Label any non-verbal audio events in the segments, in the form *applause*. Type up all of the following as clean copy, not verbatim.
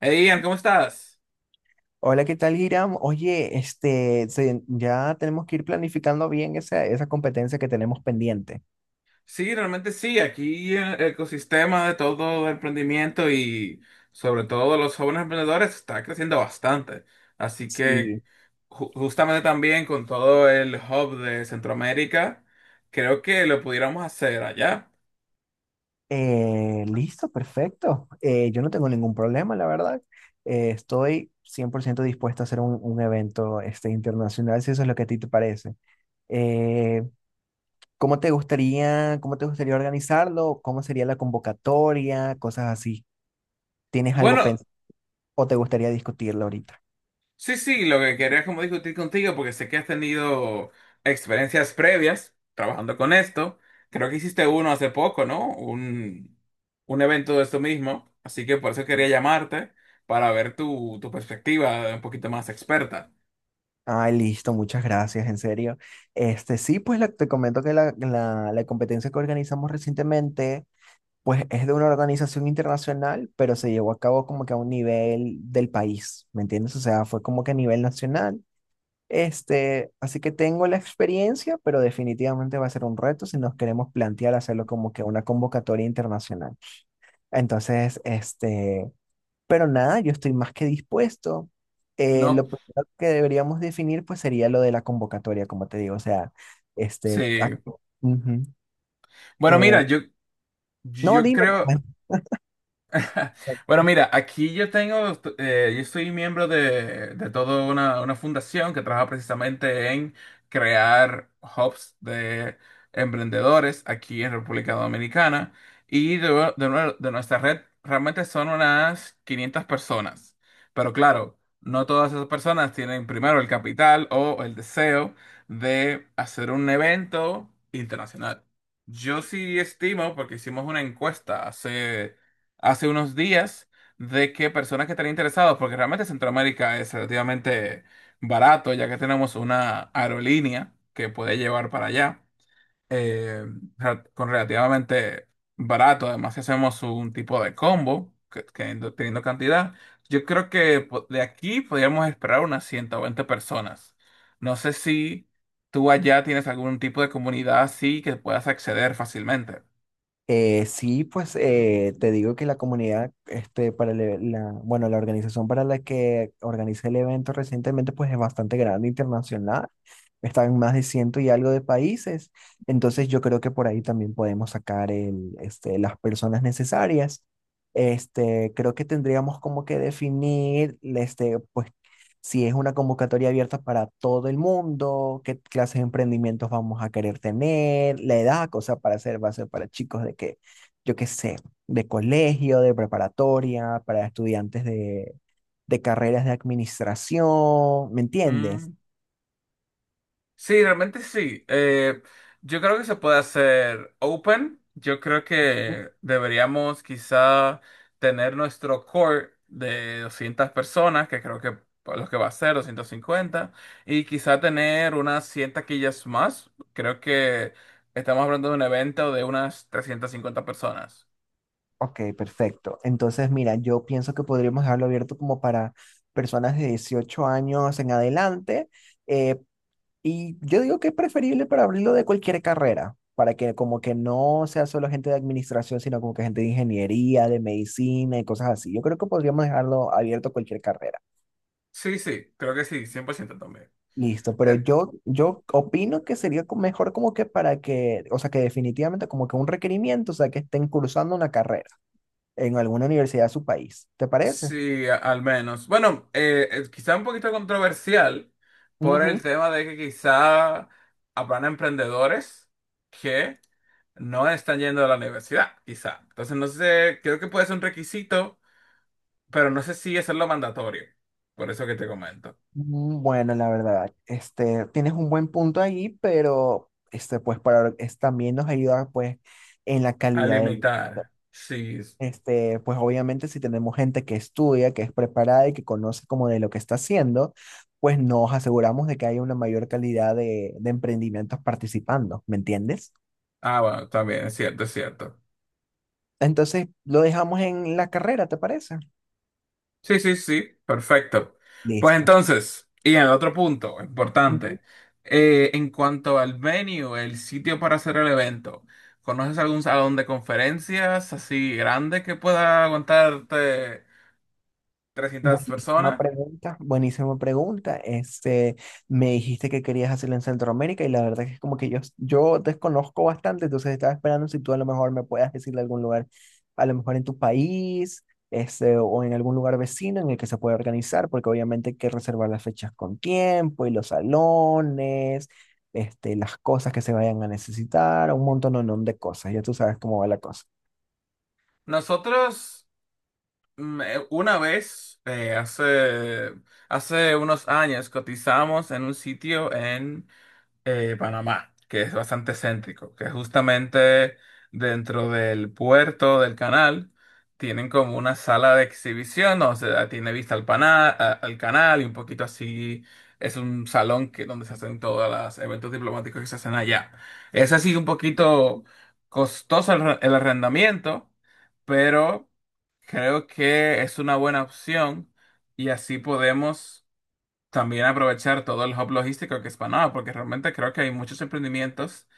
Hey Ian, ¿cómo estás? Hola, ¿qué tal, Hiram? Oye, ya tenemos que ir planificando bien esa competencia que tenemos pendiente. Sí, realmente sí, aquí el ecosistema de todo el emprendimiento y sobre todo de los jóvenes emprendedores está creciendo bastante. Así que Sí. Justamente también con todo el hub de Centroamérica, creo que lo pudiéramos hacer allá. Listo, perfecto. Yo no tengo ningún problema, la verdad. Estoy 100% dispuesto a hacer un evento internacional, si eso es lo que a ti te parece. Eh, cómo te gustaría organizarlo? ¿Cómo sería la convocatoria? Cosas así. ¿Tienes algo Bueno, pensado o te gustaría discutirlo ahorita? sí, sí, lo que quería como discutir contigo, porque sé que has tenido experiencias previas trabajando con esto. Creo que hiciste uno hace poco, ¿no? Un evento de esto mismo. Así que por eso quería llamarte, para ver tu perspectiva un poquito más experta. Ay, listo, muchas gracias, en serio. Sí, te comento que la competencia que organizamos recientemente pues es de una organización internacional, pero se llevó a cabo como que a un nivel del país, ¿me entiendes? O sea, fue como que a nivel nacional. Así que tengo la experiencia, pero definitivamente va a ser un reto si nos queremos plantear hacerlo como que una convocatoria internacional. Entonces, este... Pero nada, yo estoy más que dispuesto. No, Lo primero que deberíamos definir pues sería lo de la convocatoria, como te digo, o sea, este... sí. ac- ujú. Bueno, Eh, mira, yo, no, yo dime. creo. Pues. *laughs* Bueno, mira, aquí yo tengo, yo soy miembro de toda una fundación que trabaja precisamente en crear hubs de emprendedores aquí en República Dominicana y de, de nuestra red realmente son unas 500 personas. Pero claro, no todas esas personas tienen primero el capital o el deseo de hacer un evento internacional. Yo sí estimo, porque hicimos una encuesta hace unos días de que personas que están interesados, porque realmente Centroamérica es relativamente barato, ya que tenemos una aerolínea que puede llevar para allá, eh, con relativamente barato, además si hacemos un tipo de combo, que teniendo cantidad, yo creo que de aquí podríamos esperar unas 120 personas. No sé si tú allá tienes algún tipo de comunidad así que puedas acceder fácilmente. Sí, te digo que la comunidad, para bueno, la organización para la que organicé el evento recientemente, pues es bastante grande, internacional. Está en más de ciento y algo de países. Entonces yo creo que por ahí también podemos sacar las personas necesarias. Creo que tendríamos como que definir, pues si es una convocatoria abierta para todo el mundo, qué clases de emprendimientos vamos a querer tener, la edad, cosa para hacer, va a ser para chicos de que, yo qué sé, de colegio, de preparatoria, para estudiantes de carreras de administración, ¿me entiendes? Sí, realmente sí. Yo creo que se puede hacer open. Yo creo que deberíamos quizá tener nuestro core de 200 personas, que creo que los que va a ser 250, y quizá tener unas 100 taquillas más. Creo que estamos hablando de un evento de unas 350 personas. Ok, perfecto. Entonces, mira, yo pienso que podríamos dejarlo abierto como para personas de 18 años en adelante, eh, y yo digo que es preferible para abrirlo de cualquier carrera, para que como que no sea solo gente de administración, sino como que gente de ingeniería, de medicina y cosas así. Yo creo que podríamos dejarlo abierto a cualquier carrera. Sí, sí, creo que sí, 100% también. Listo, pero Eh, yo opino que sería mejor como que para que, o sea, que definitivamente como que un requerimiento, o sea, que estén cursando una carrera en alguna universidad de su país. ¿Te parece? Sí, al menos. Bueno, quizá un poquito controversial por el Ujú. tema de que quizá habrán emprendedores que no están yendo a la universidad, quizá. Entonces, no sé, creo que puede ser un requisito, pero no sé si eso es lo mandatorio. Por eso que te comento. Bueno, la verdad, tienes un buen punto ahí, pero también nos ayuda pues en la A calidad del, limitar. Sí. este, Pues obviamente si tenemos gente que estudia, que es preparada y que conoce como de lo que está haciendo, pues nos aseguramos de que haya una mayor calidad de emprendimientos participando, ¿me entiendes? Ah, bueno, también es cierto, es cierto. Entonces, lo dejamos en la carrera, ¿te parece? Sí, sí, sí, perfecto. Pues Listo. entonces, y el otro punto importante, en cuanto al venue, el sitio para hacer el evento, ¿conoces algún salón de conferencias así grande que pueda aguantarte 300 Buenísima personas? pregunta, buenísima pregunta. Me dijiste que querías hacerlo en Centroamérica y la verdad que es como que yo desconozco bastante, entonces estaba esperando si tú a lo mejor me puedas decir de algún lugar, a lo mejor en tu país, o en algún lugar vecino en el que se pueda organizar, porque obviamente hay que reservar las fechas con tiempo y los salones, las cosas que se vayan a necesitar, un montón de cosas. Ya tú sabes cómo va la cosa. Nosotros una vez, hace unos años, cotizamos en un sitio Panamá, que es bastante céntrico, que justamente dentro del puerto del canal tienen como una sala de exhibición, o sea, tiene vista al, al canal y un poquito así. Es un salón que, donde se hacen todos los eventos diplomáticos que se hacen allá. Es así un poquito costoso el el arrendamiento, pero creo que es una buena opción y así podemos también aprovechar todo el hub logístico que es Panamá, porque realmente creo que hay muchos emprendimientos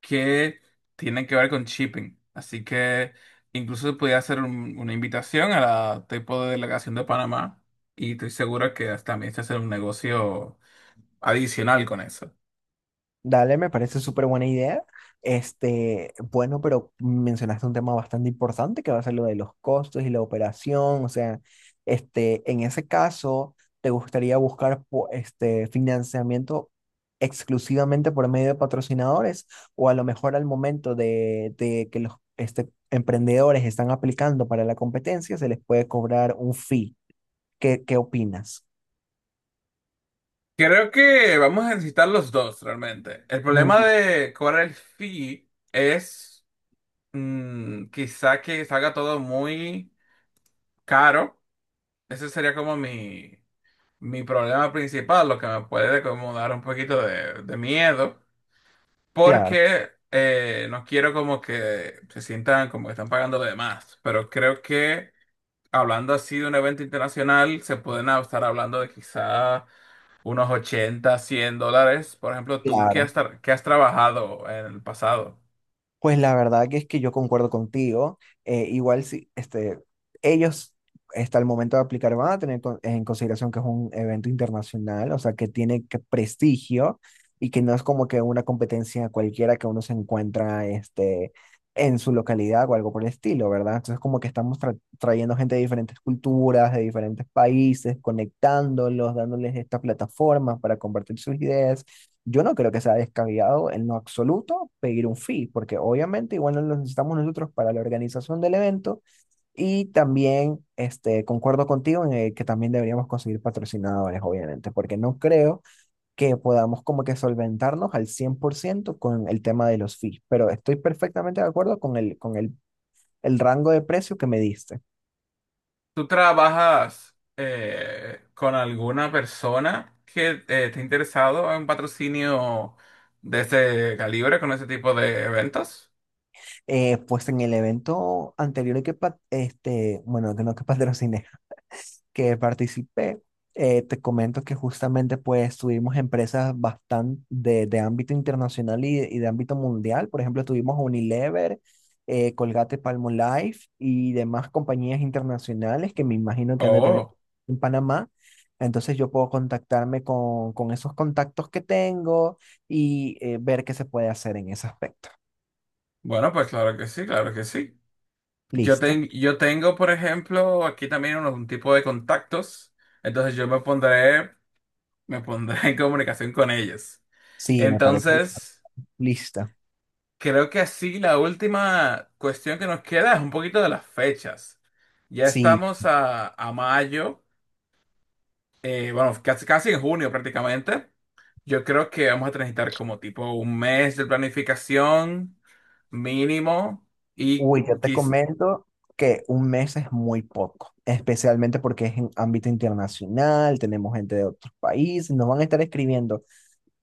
que tienen que ver con shipping. Así que incluso podría hacer una invitación a la tipo de delegación de Panamá y estoy seguro que hasta también se hace un negocio adicional con eso. Dale, me parece súper buena idea. Bueno, pero mencionaste un tema bastante importante que va a ser lo de los costos y la operación. O sea, en ese caso, ¿te gustaría buscar financiamiento exclusivamente por medio de patrocinadores? O a lo mejor al momento de que los emprendedores están aplicando para la competencia, se les puede cobrar un fee. Qué opinas? Creo que vamos a necesitar los dos realmente. El Mm, problema de cobrar el fee es quizá que salga todo muy caro. Ese sería como mi problema principal, lo que me puede como dar un poquito de miedo, claro, porque no quiero como que se sientan como que están pagando de más, pero creo que hablando así de un evento internacional, se pueden estar hablando de quizá unos 80, $100. Por ejemplo, tú, ¿qué claro. has, qué has trabajado en el pasado? Pues la verdad que es que yo concuerdo contigo. Igual si ellos hasta el momento de aplicar van a tener en consideración que es un evento internacional, o sea, que tiene que prestigio y que no es como que una competencia cualquiera que uno se encuentra en su localidad o algo por el estilo, ¿verdad? Entonces como que estamos trayendo gente de diferentes culturas, de diferentes países, conectándolos, dándoles estas plataformas para compartir sus ideas. Yo no creo que sea descabellado en lo absoluto pedir un fee, porque obviamente igual no lo necesitamos nosotros para la organización del evento y también concuerdo contigo en el que también deberíamos conseguir patrocinadores, obviamente, porque no creo que podamos como que solventarnos al 100% con el tema de los fees, pero estoy perfectamente de acuerdo con el rango de precio que me diste. ¿Tú trabajas con alguna persona que esté interesado en un patrocinio de ese calibre, con ese tipo de eventos? Pues en el evento anterior bueno, que no que patrociné que participé, te comento que justamente pues tuvimos empresas bastante de ámbito internacional y de ámbito mundial. Por ejemplo, tuvimos Unilever, Colgate Palmolive y demás compañías internacionales que me imagino que han de tener Oh, en Panamá. Entonces yo puedo contactarme con esos contactos que tengo y ver qué se puede hacer en ese aspecto. bueno, pues claro que sí, claro que sí. Yo, ¿Listo? Yo tengo, por ejemplo, aquí también un tipo de contactos, entonces me pondré *laughs* en comunicación con ellos. Sí, me parece. Entonces, Lista. creo que así la última cuestión que nos queda es un poquito de las fechas. Ya Sí, estamos a mayo. Bueno, casi en junio prácticamente. Yo creo que vamos a necesitar como tipo un mes de planificación mínimo y uy, yo te quiz... comento que un mes es muy poco, especialmente porque es en ámbito internacional, tenemos gente de otros países, nos van a estar escribiendo,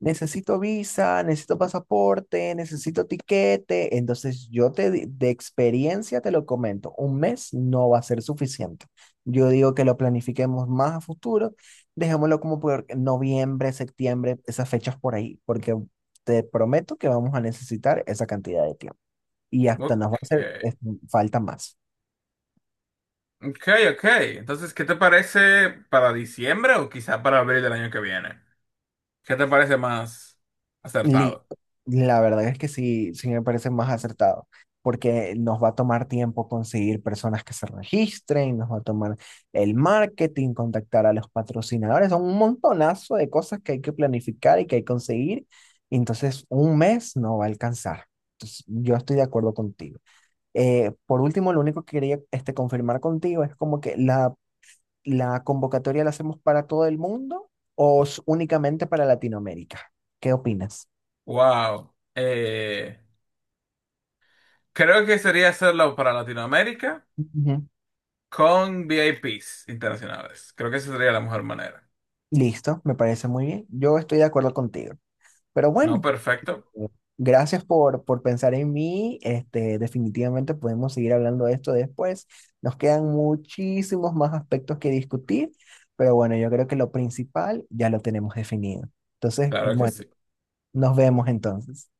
necesito visa, necesito pasaporte, necesito tiquete, entonces de experiencia te lo comento, un mes no va a ser suficiente. Yo digo que lo planifiquemos más a futuro, dejémoslo como por noviembre, septiembre, esas fechas por ahí, porque te prometo que vamos a necesitar esa cantidad de tiempo y hasta nos va a Ok, hacer falta más. ok, ok. Entonces, ¿qué te parece para diciembre o quizá para abril del año que viene? ¿Qué te parece más acertado? Listo. La verdad es que sí, sí me parece más acertado, porque nos va a tomar tiempo conseguir personas que se registren, nos va a tomar el marketing, contactar a los patrocinadores, son un montonazo de cosas que hay que planificar y que hay que conseguir. Entonces, un mes no va a alcanzar. Entonces, yo estoy de acuerdo contigo. Por último, lo único que quería confirmar contigo es como que ¿la convocatoria la hacemos para todo el mundo o únicamente para Latinoamérica? ¿Qué opinas? Wow. Creo que sería hacerlo para Latinoamérica Ujú. con VIPs internacionales. Creo que esa sería la mejor manera. Listo, me parece muy bien. Yo estoy de acuerdo contigo. Pero No, bueno, perfecto. eh, gracias por pensar en mí. Definitivamente podemos seguir hablando de esto después. Nos quedan muchísimos más aspectos que discutir, pero bueno, yo creo que lo principal ya lo tenemos definido. Entonces, Claro que bueno, sí. nos vemos entonces.